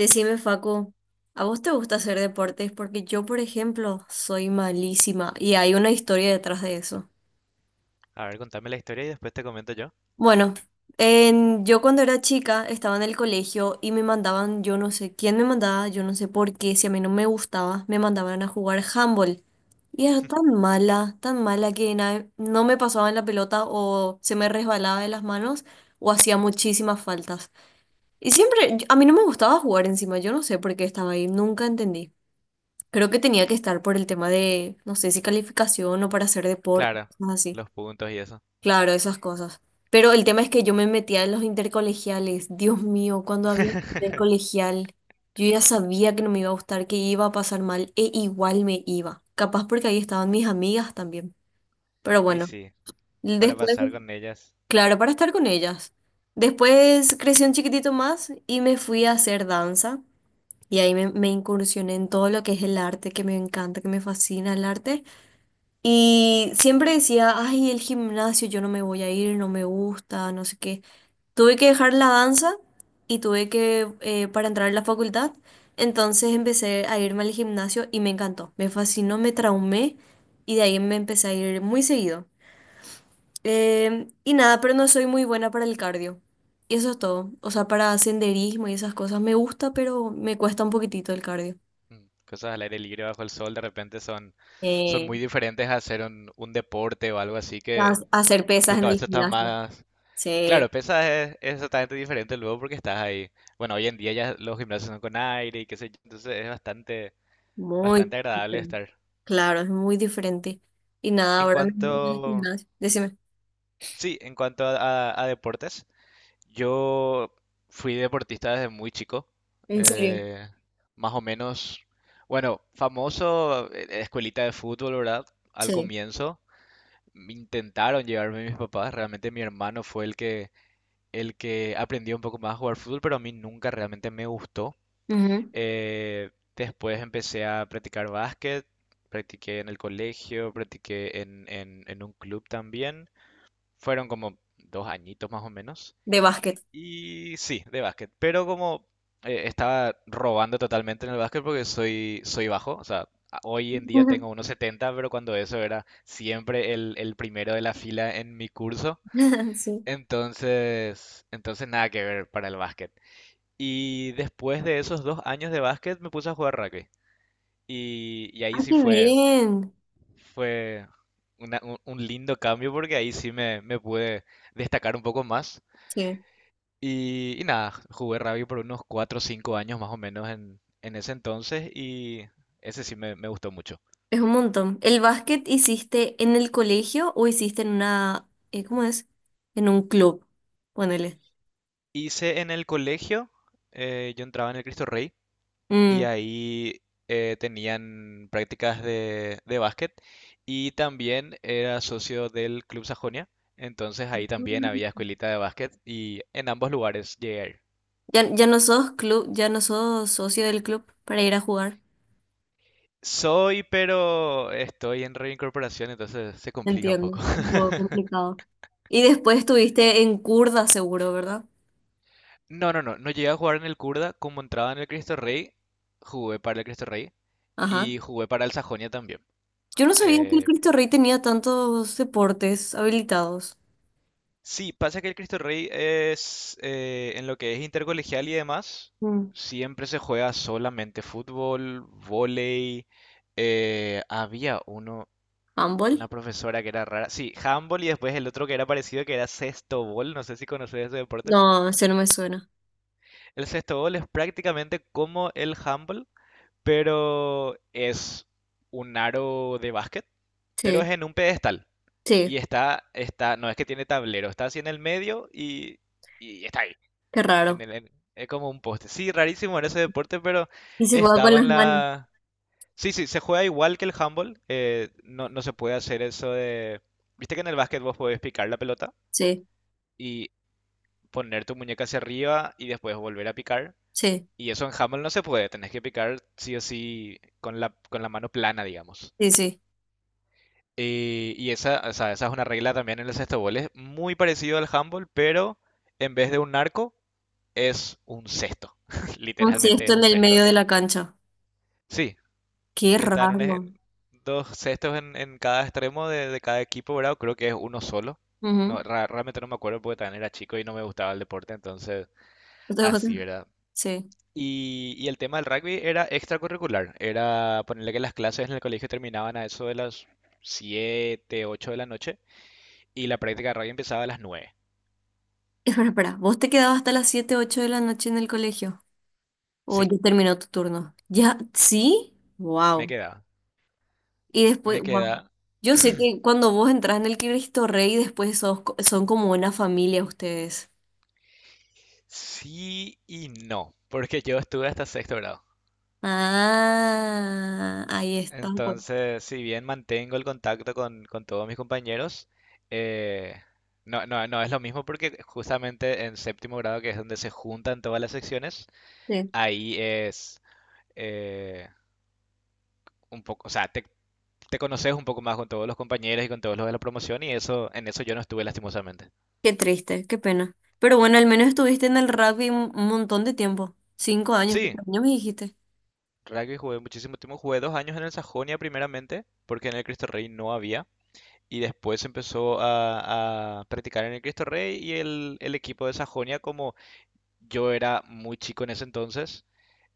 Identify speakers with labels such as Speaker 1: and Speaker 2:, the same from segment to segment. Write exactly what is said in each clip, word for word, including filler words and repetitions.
Speaker 1: Decime, Facu, ¿a vos te gusta hacer deportes? Porque yo, por ejemplo, soy malísima y hay una historia detrás de eso.
Speaker 2: A ver, contame la historia y después te comento yo.
Speaker 1: Bueno, en- yo cuando era chica estaba en el colegio y me mandaban, yo no sé quién me mandaba, yo no sé por qué, si a mí no me gustaba, me mandaban a jugar handball. Y era tan mala, tan mala que na- no me pasaban la pelota o se me resbalaba de las manos o hacía muchísimas faltas. Y siempre, a mí no me gustaba jugar encima, yo no sé por qué estaba ahí, nunca entendí. Creo que tenía que estar por el tema de, no sé si calificación o para hacer deporte,
Speaker 2: Claro,
Speaker 1: cosas así.
Speaker 2: los puntos y eso.
Speaker 1: Claro, esas cosas. Pero el tema es que yo me metía en los intercolegiales. Dios mío, cuando había intercolegial, yo ya sabía que no me iba a gustar, que iba a pasar mal, e igual me iba. Capaz porque ahí estaban mis amigas también. Pero
Speaker 2: Y
Speaker 1: bueno,
Speaker 2: sí, para
Speaker 1: después,
Speaker 2: pasar con ellas.
Speaker 1: claro, para estar con ellas. Después crecí un chiquitito más y me fui a hacer danza. Y ahí me, me incursioné en todo lo que es el arte, que me encanta, que me fascina el arte. Y siempre decía, ay, el gimnasio, yo no me voy a ir, no me gusta, no sé qué. Tuve que dejar la danza y tuve que, eh, para entrar a la facultad, entonces empecé a irme al gimnasio y me encantó, me fascinó, me traumé y de ahí me empecé a ir muy seguido. Eh, y nada, pero no soy muy buena para el cardio. Y eso es todo. O sea, para senderismo y esas cosas me gusta, pero me cuesta un poquitito el cardio.
Speaker 2: mm, Cosas al aire libre bajo el sol de repente son, son
Speaker 1: Eh,
Speaker 2: muy diferentes a hacer un, un deporte o algo así
Speaker 1: ha-
Speaker 2: que
Speaker 1: Hacer
Speaker 2: tu
Speaker 1: pesas en el
Speaker 2: cabeza está
Speaker 1: gimnasio.
Speaker 2: más...
Speaker 1: Sí.
Speaker 2: Claro, pesas es, es totalmente diferente luego porque estás ahí. Bueno, hoy en día ya los gimnasios son con aire y qué sé yo, entonces es bastante,
Speaker 1: Muy
Speaker 2: bastante agradable
Speaker 1: diferente.
Speaker 2: estar.
Speaker 1: Claro, es muy diferente. Y nada,
Speaker 2: En
Speaker 1: ahora mismo en el
Speaker 2: cuanto,
Speaker 1: gimnasio. Decime.
Speaker 2: sí, en cuanto a, a- a deportes, yo fui deportista desde muy chico,
Speaker 1: ¿En serio?
Speaker 2: eh, más o menos, bueno, famoso, eh, escuelita de fútbol, ¿verdad? Al
Speaker 1: Sí.
Speaker 2: comienzo intentaron llevarme mis papás, realmente mi hermano fue el que, el que aprendió un poco más a jugar fútbol, pero a mí nunca realmente me gustó.
Speaker 1: Ujú.
Speaker 2: Eh, Después empecé a practicar básquet, practiqué en el colegio, practiqué en, en en un club también. Fueron como dos añitos más o menos.
Speaker 1: De básquet.
Speaker 2: Y sí, de básquet. Pero como eh, estaba robando totalmente en el básquet porque soy, soy bajo. O sea, a- hoy en día tengo unos setenta pero cuando eso era siempre el, el primero de la fila en mi curso.
Speaker 1: Sí.
Speaker 2: Entonces, entonces nada que ver para el básquet. Y después de esos dos años de básquet me puse a jugar rugby. Y, y ahí
Speaker 1: Ah,
Speaker 2: sí
Speaker 1: qué
Speaker 2: fue,
Speaker 1: bien.
Speaker 2: fue una- un, un lindo cambio porque ahí sí me, me pude destacar un poco más.
Speaker 1: Sí.
Speaker 2: Y, y nada, jugué rugby por unos cuatro o cinco años más o menos en, en ese entonces y ese sí me, me gustó mucho.
Speaker 1: Es un montón. ¿El básquet hiciste en el colegio o hiciste en una, eh, cómo es? En un club. Ponele.
Speaker 2: Hice en el colegio, eh, yo entraba en el Cristo Rey y
Speaker 1: Mm.
Speaker 2: ahí eh, tenían prácticas de, de básquet y también era socio del Club Sajonia, entonces ahí también había
Speaker 1: Mm.
Speaker 2: escuelita de básquet y en ambos lugares llegué a ir.
Speaker 1: Ya, ya no sos club, ya no sos socio del club para ir a jugar.
Speaker 2: Soy, pero estoy en reincorporación, entonces se complica un
Speaker 1: Entiendo.
Speaker 2: poco.
Speaker 1: Un poco complicado. Y después estuviste en Curda, seguro, ¿verdad?
Speaker 2: No, no, no, no llegué a jugar en el Kurda, como entraba en el Cristo Rey, jugué para el Cristo Rey
Speaker 1: Ajá.
Speaker 2: y jugué para el Sajonia también.
Speaker 1: Yo no sabía que el
Speaker 2: Eh,
Speaker 1: Cristo Rey tenía tantos deportes habilitados.
Speaker 2: sí, pasa que el Cristo Rey es, eh, en lo que es intercolegial y demás,
Speaker 1: Mm.
Speaker 2: siempre se juega solamente fútbol, vóley, eh, había uno, una
Speaker 1: ¿Handball?
Speaker 2: profesora que era rara, sí, handball y después el otro que era parecido que era sexto, no sé si conoces ese deporte.
Speaker 1: No, ese no me suena.
Speaker 2: El sexto es prácticamente como el handball, pero es un aro de básquet, pero
Speaker 1: Sí,
Speaker 2: es en un pedestal.
Speaker 1: sí,
Speaker 2: Y está, está, no es que tiene tablero, está así en el medio y, y está ahí.
Speaker 1: qué
Speaker 2: En
Speaker 1: raro.
Speaker 2: el- en- es como un poste. Sí, rarísimo era ese deporte, pero
Speaker 1: Y se juega con
Speaker 2: estaba en
Speaker 1: las manos.
Speaker 2: la... Sí, sí, se juega igual que el handball. Eh, no, no se puede hacer eso de... Viste que en el básquet vos podés picar la pelota
Speaker 1: Sí,
Speaker 2: y poner tu muñeca hacia arriba y después volver a picar.
Speaker 1: sí,
Speaker 2: Y eso en handball no se puede, tenés que picar sí o sí con la, con la mano plana, digamos.
Speaker 1: sí, sí.
Speaker 2: Y, y esa, o sea, esa es una regla también en el sexto gol. Es muy parecido al handball, pero en vez de un arco, es un cesto.
Speaker 1: Un
Speaker 2: Literalmente
Speaker 1: esto
Speaker 2: es
Speaker 1: en
Speaker 2: un
Speaker 1: el
Speaker 2: cesto.
Speaker 1: medio de la cancha.
Speaker 2: Sí,
Speaker 1: Qué
Speaker 2: están un ej-
Speaker 1: raro.
Speaker 2: dos cestos en, en cada extremo de, de cada equipo, ¿verdad? Creo que es uno solo. No,
Speaker 1: Ujú.
Speaker 2: ra- realmente no me acuerdo porque también era chico y no me gustaba el deporte, entonces
Speaker 1: ¿No te
Speaker 2: así,
Speaker 1: gusta?
Speaker 2: ¿verdad?
Speaker 1: Sí.
Speaker 2: Y, y el tema del rugby era extracurricular. Era ponerle que las clases en el colegio terminaban a eso de las siete ocho de la noche y la práctica de radio empezaba a las nueve.
Speaker 1: Espera, espera. ¿Vos te quedabas hasta las siete, ocho de la noche en el colegio? ¿O
Speaker 2: Sí,
Speaker 1: ya terminó tu turno? ¿Ya? ¿Sí?
Speaker 2: me
Speaker 1: Wow.
Speaker 2: quedaba.
Speaker 1: Y
Speaker 2: Me
Speaker 1: después, wow.
Speaker 2: quedaba.
Speaker 1: Yo sé que cuando vos entras en el Cristo Rey, después sos co- son como una familia ustedes.
Speaker 2: Sí y no, porque yo estuve hasta sexto grado.
Speaker 1: Ah, ahí está, pues.
Speaker 2: Entonces, si bien mantengo el contacto con, con todos mis compañeros, eh, no, no, no es lo mismo porque justamente en séptimo grado, que es donde se juntan todas las secciones,
Speaker 1: Sí.
Speaker 2: ahí es eh, un poco, o sea, te, te conoces un poco más con todos los compañeros y con todos los de la promoción y eso, en eso yo no estuve lastimosamente.
Speaker 1: Qué triste, qué pena. Pero bueno, al menos estuviste en el rugby un un montón de tiempo. Cinco años,
Speaker 2: Sí,
Speaker 1: cuatro años me dijiste.
Speaker 2: rugby jugué muchísimo tiempo, jugué dos años en el Sajonia primeramente, porque en el Cristo Rey no había, y después empezó a, a practicar en el Cristo Rey y el, el equipo de Sajonia, como yo era muy chico en ese entonces,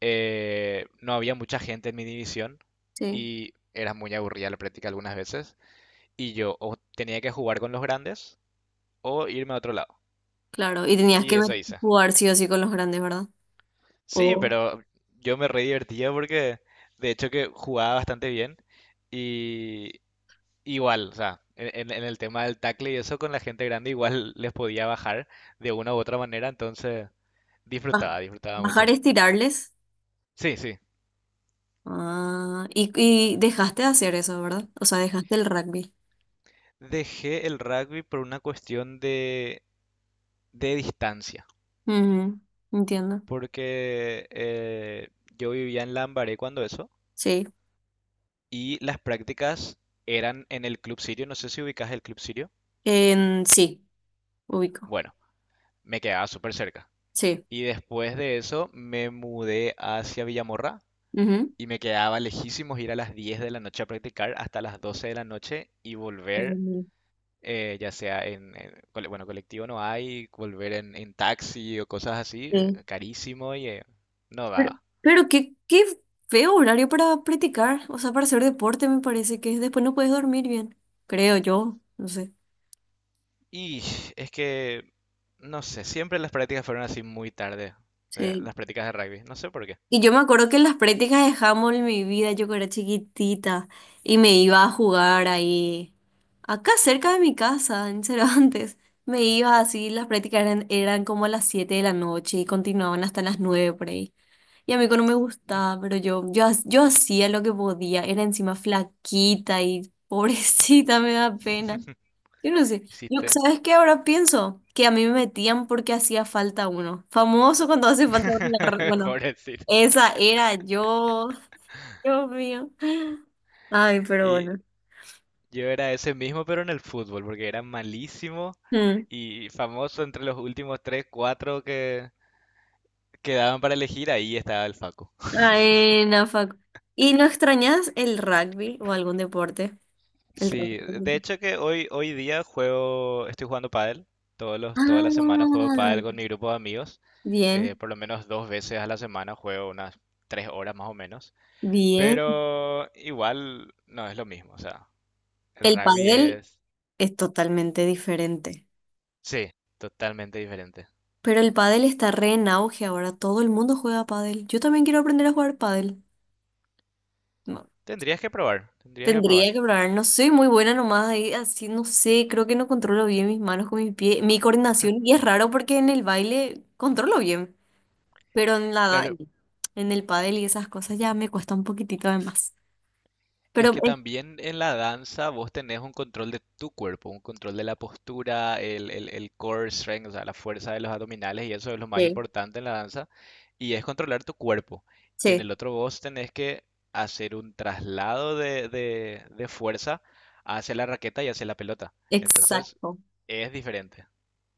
Speaker 2: eh, no había mucha gente en mi división
Speaker 1: Sí,
Speaker 2: y era muy aburrida la práctica algunas veces, y yo o tenía que jugar con los grandes o irme a otro lado,
Speaker 1: claro. Y tenías
Speaker 2: y
Speaker 1: que
Speaker 2: eso
Speaker 1: ver-
Speaker 2: hice.
Speaker 1: jugar sí o sí con los grandes, ¿verdad?
Speaker 2: Sí,
Speaker 1: O
Speaker 2: pero yo me re divertía porque de hecho que jugaba bastante bien. Y, igual, o sea, en, en- en el tema del tackle y eso con la gente grande igual les podía bajar de una u otra manera, entonces
Speaker 1: ba-
Speaker 2: disfrutaba, disfrutaba
Speaker 1: bajar,
Speaker 2: mucho.
Speaker 1: estirarles.
Speaker 2: Sí, sí.
Speaker 1: Ah, y, y dejaste de hacer eso, ¿verdad? O sea, dejaste el rugby.
Speaker 2: Dejé el rugby por una cuestión de, de distancia,
Speaker 1: Ujú, entiendo.
Speaker 2: porque eh, yo vivía en Lambaré cuando eso,
Speaker 1: Sí.
Speaker 2: y las prácticas eran en el Club Sirio, no sé si ubicas el Club Sirio.
Speaker 1: En, sí, ubico.
Speaker 2: Bueno, me quedaba súper cerca.
Speaker 1: Sí.
Speaker 2: Y después de eso me mudé hacia Villamorra.
Speaker 1: Ujú.
Speaker 2: Y me quedaba lejísimos ir a las diez de la noche a practicar hasta las doce de la noche y volver,
Speaker 1: Em,
Speaker 2: eh, ya sea en, en cole- bueno, colectivo no hay, volver en, en taxi o cosas así, eh,
Speaker 1: Sí.
Speaker 2: carísimo y eh, no
Speaker 1: Pero,
Speaker 2: daba.
Speaker 1: pero qué, qué feo horario para practicar, o sea, para hacer deporte me parece que después no puedes dormir bien, creo yo, no sé.
Speaker 2: Y es que, no sé, siempre las prácticas fueron así muy tarde, eh,
Speaker 1: Sí.
Speaker 2: las prácticas de rugby, no sé por qué.
Speaker 1: Y yo me acuerdo que en las prácticas de handball mi vida, yo que era chiquitita, y me iba a jugar ahí, acá cerca de mi casa, en Cervantes. Me iba así, las prácticas eran, eran como a las siete de la noche y continuaban hasta las nueve por ahí. Y a mí que no me gustaba, pero yo, yo, ha- yo hacía lo que podía, era encima flaquita y pobrecita, me da pena. Yo no sé. Yo,
Speaker 2: Hiciste.
Speaker 1: ¿sabes qué ahora pienso? Que a mí me metían porque hacía falta uno. Famoso cuando hace falta uno. en la re- Bueno,
Speaker 2: Pobrecito.
Speaker 1: esa era yo, Dios mío. Ay, pero
Speaker 2: Y
Speaker 1: bueno.
Speaker 2: yo era ese mismo, pero en el fútbol, porque era malísimo
Speaker 1: Mm.
Speaker 2: y famoso entre los últimos tres, cuatro que quedaban para elegir, ahí estaba el Facu.
Speaker 1: Ay, no, fuck. ¿Y no extrañas el rugby o algún deporte? El
Speaker 2: Sí, de
Speaker 1: rugby.
Speaker 2: hecho que hoy, hoy día juego, estoy jugando pádel, todos los, toda la semana juego pádel
Speaker 1: Ah,
Speaker 2: con mi grupo de amigos, eh,
Speaker 1: bien,
Speaker 2: por lo menos dos veces a la semana juego unas tres horas más o menos,
Speaker 1: bien.
Speaker 2: pero igual no es lo mismo, o sea, el
Speaker 1: El
Speaker 2: rugby
Speaker 1: pádel
Speaker 2: es,
Speaker 1: es totalmente diferente.
Speaker 2: sí, totalmente diferente.
Speaker 1: Pero el pádel está re en auge ahora. Todo el mundo juega pádel. Yo también quiero aprender a jugar pádel.
Speaker 2: Tendrías que probar, tendrías que
Speaker 1: Tendría
Speaker 2: probar.
Speaker 1: que probar, no soy muy buena nomás ahí, así no sé, creo que no controlo bien mis manos con mis pies, mi coordinación, y es raro porque en el baile controlo bien, pero en la, da-
Speaker 2: Claro,
Speaker 1: en el pádel y esas cosas ya me cuesta un poquitito de más.
Speaker 2: es
Speaker 1: Pero
Speaker 2: que
Speaker 1: eh,
Speaker 2: también en la danza vos tenés un control de tu cuerpo, un control de la postura, el, el, el core strength, o sea, la fuerza de los abdominales y eso es lo más
Speaker 1: sí,
Speaker 2: importante en la danza y es controlar tu cuerpo. Y en
Speaker 1: sí,
Speaker 2: el otro vos tenés que hacer un traslado de, de, de fuerza hacia la raqueta y hacia la pelota. Entonces
Speaker 1: exacto.
Speaker 2: es diferente.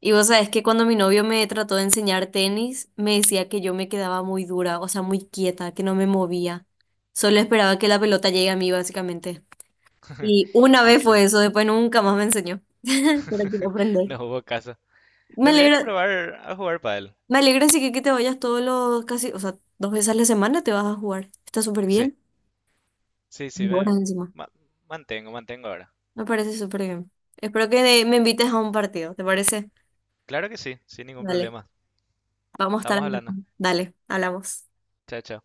Speaker 1: Y vos sabés que cuando mi novio me trató de enseñar tenis, me decía que yo me quedaba muy dura, o sea, muy quieta, que no me movía. Solo esperaba que la pelota llegue a mí, básicamente. Y una
Speaker 2: Y
Speaker 1: vez fue
Speaker 2: sí,
Speaker 1: eso, después nunca más me enseñó. Pero quiero aprender.
Speaker 2: no hubo caso.
Speaker 1: Me
Speaker 2: Tendría
Speaker 1: alegra,
Speaker 2: que probar a jugar pádel.
Speaker 1: me alegra así que, que te vayas todos los casi, o sea, dos veces a la semana te vas a jugar. Está súper
Speaker 2: Sí,
Speaker 1: bien.
Speaker 2: sí, sí,
Speaker 1: Dos
Speaker 2: me
Speaker 1: horas encima.
Speaker 2: ma- mantengo, mantengo ahora.
Speaker 1: Me parece súper bien. Espero que me invites a un partido, ¿te parece?
Speaker 2: Claro que sí, sin ningún
Speaker 1: Dale,
Speaker 2: problema.
Speaker 1: vamos a estar.
Speaker 2: Estamos hablando.
Speaker 1: Dale, hablamos.
Speaker 2: Chao, chao.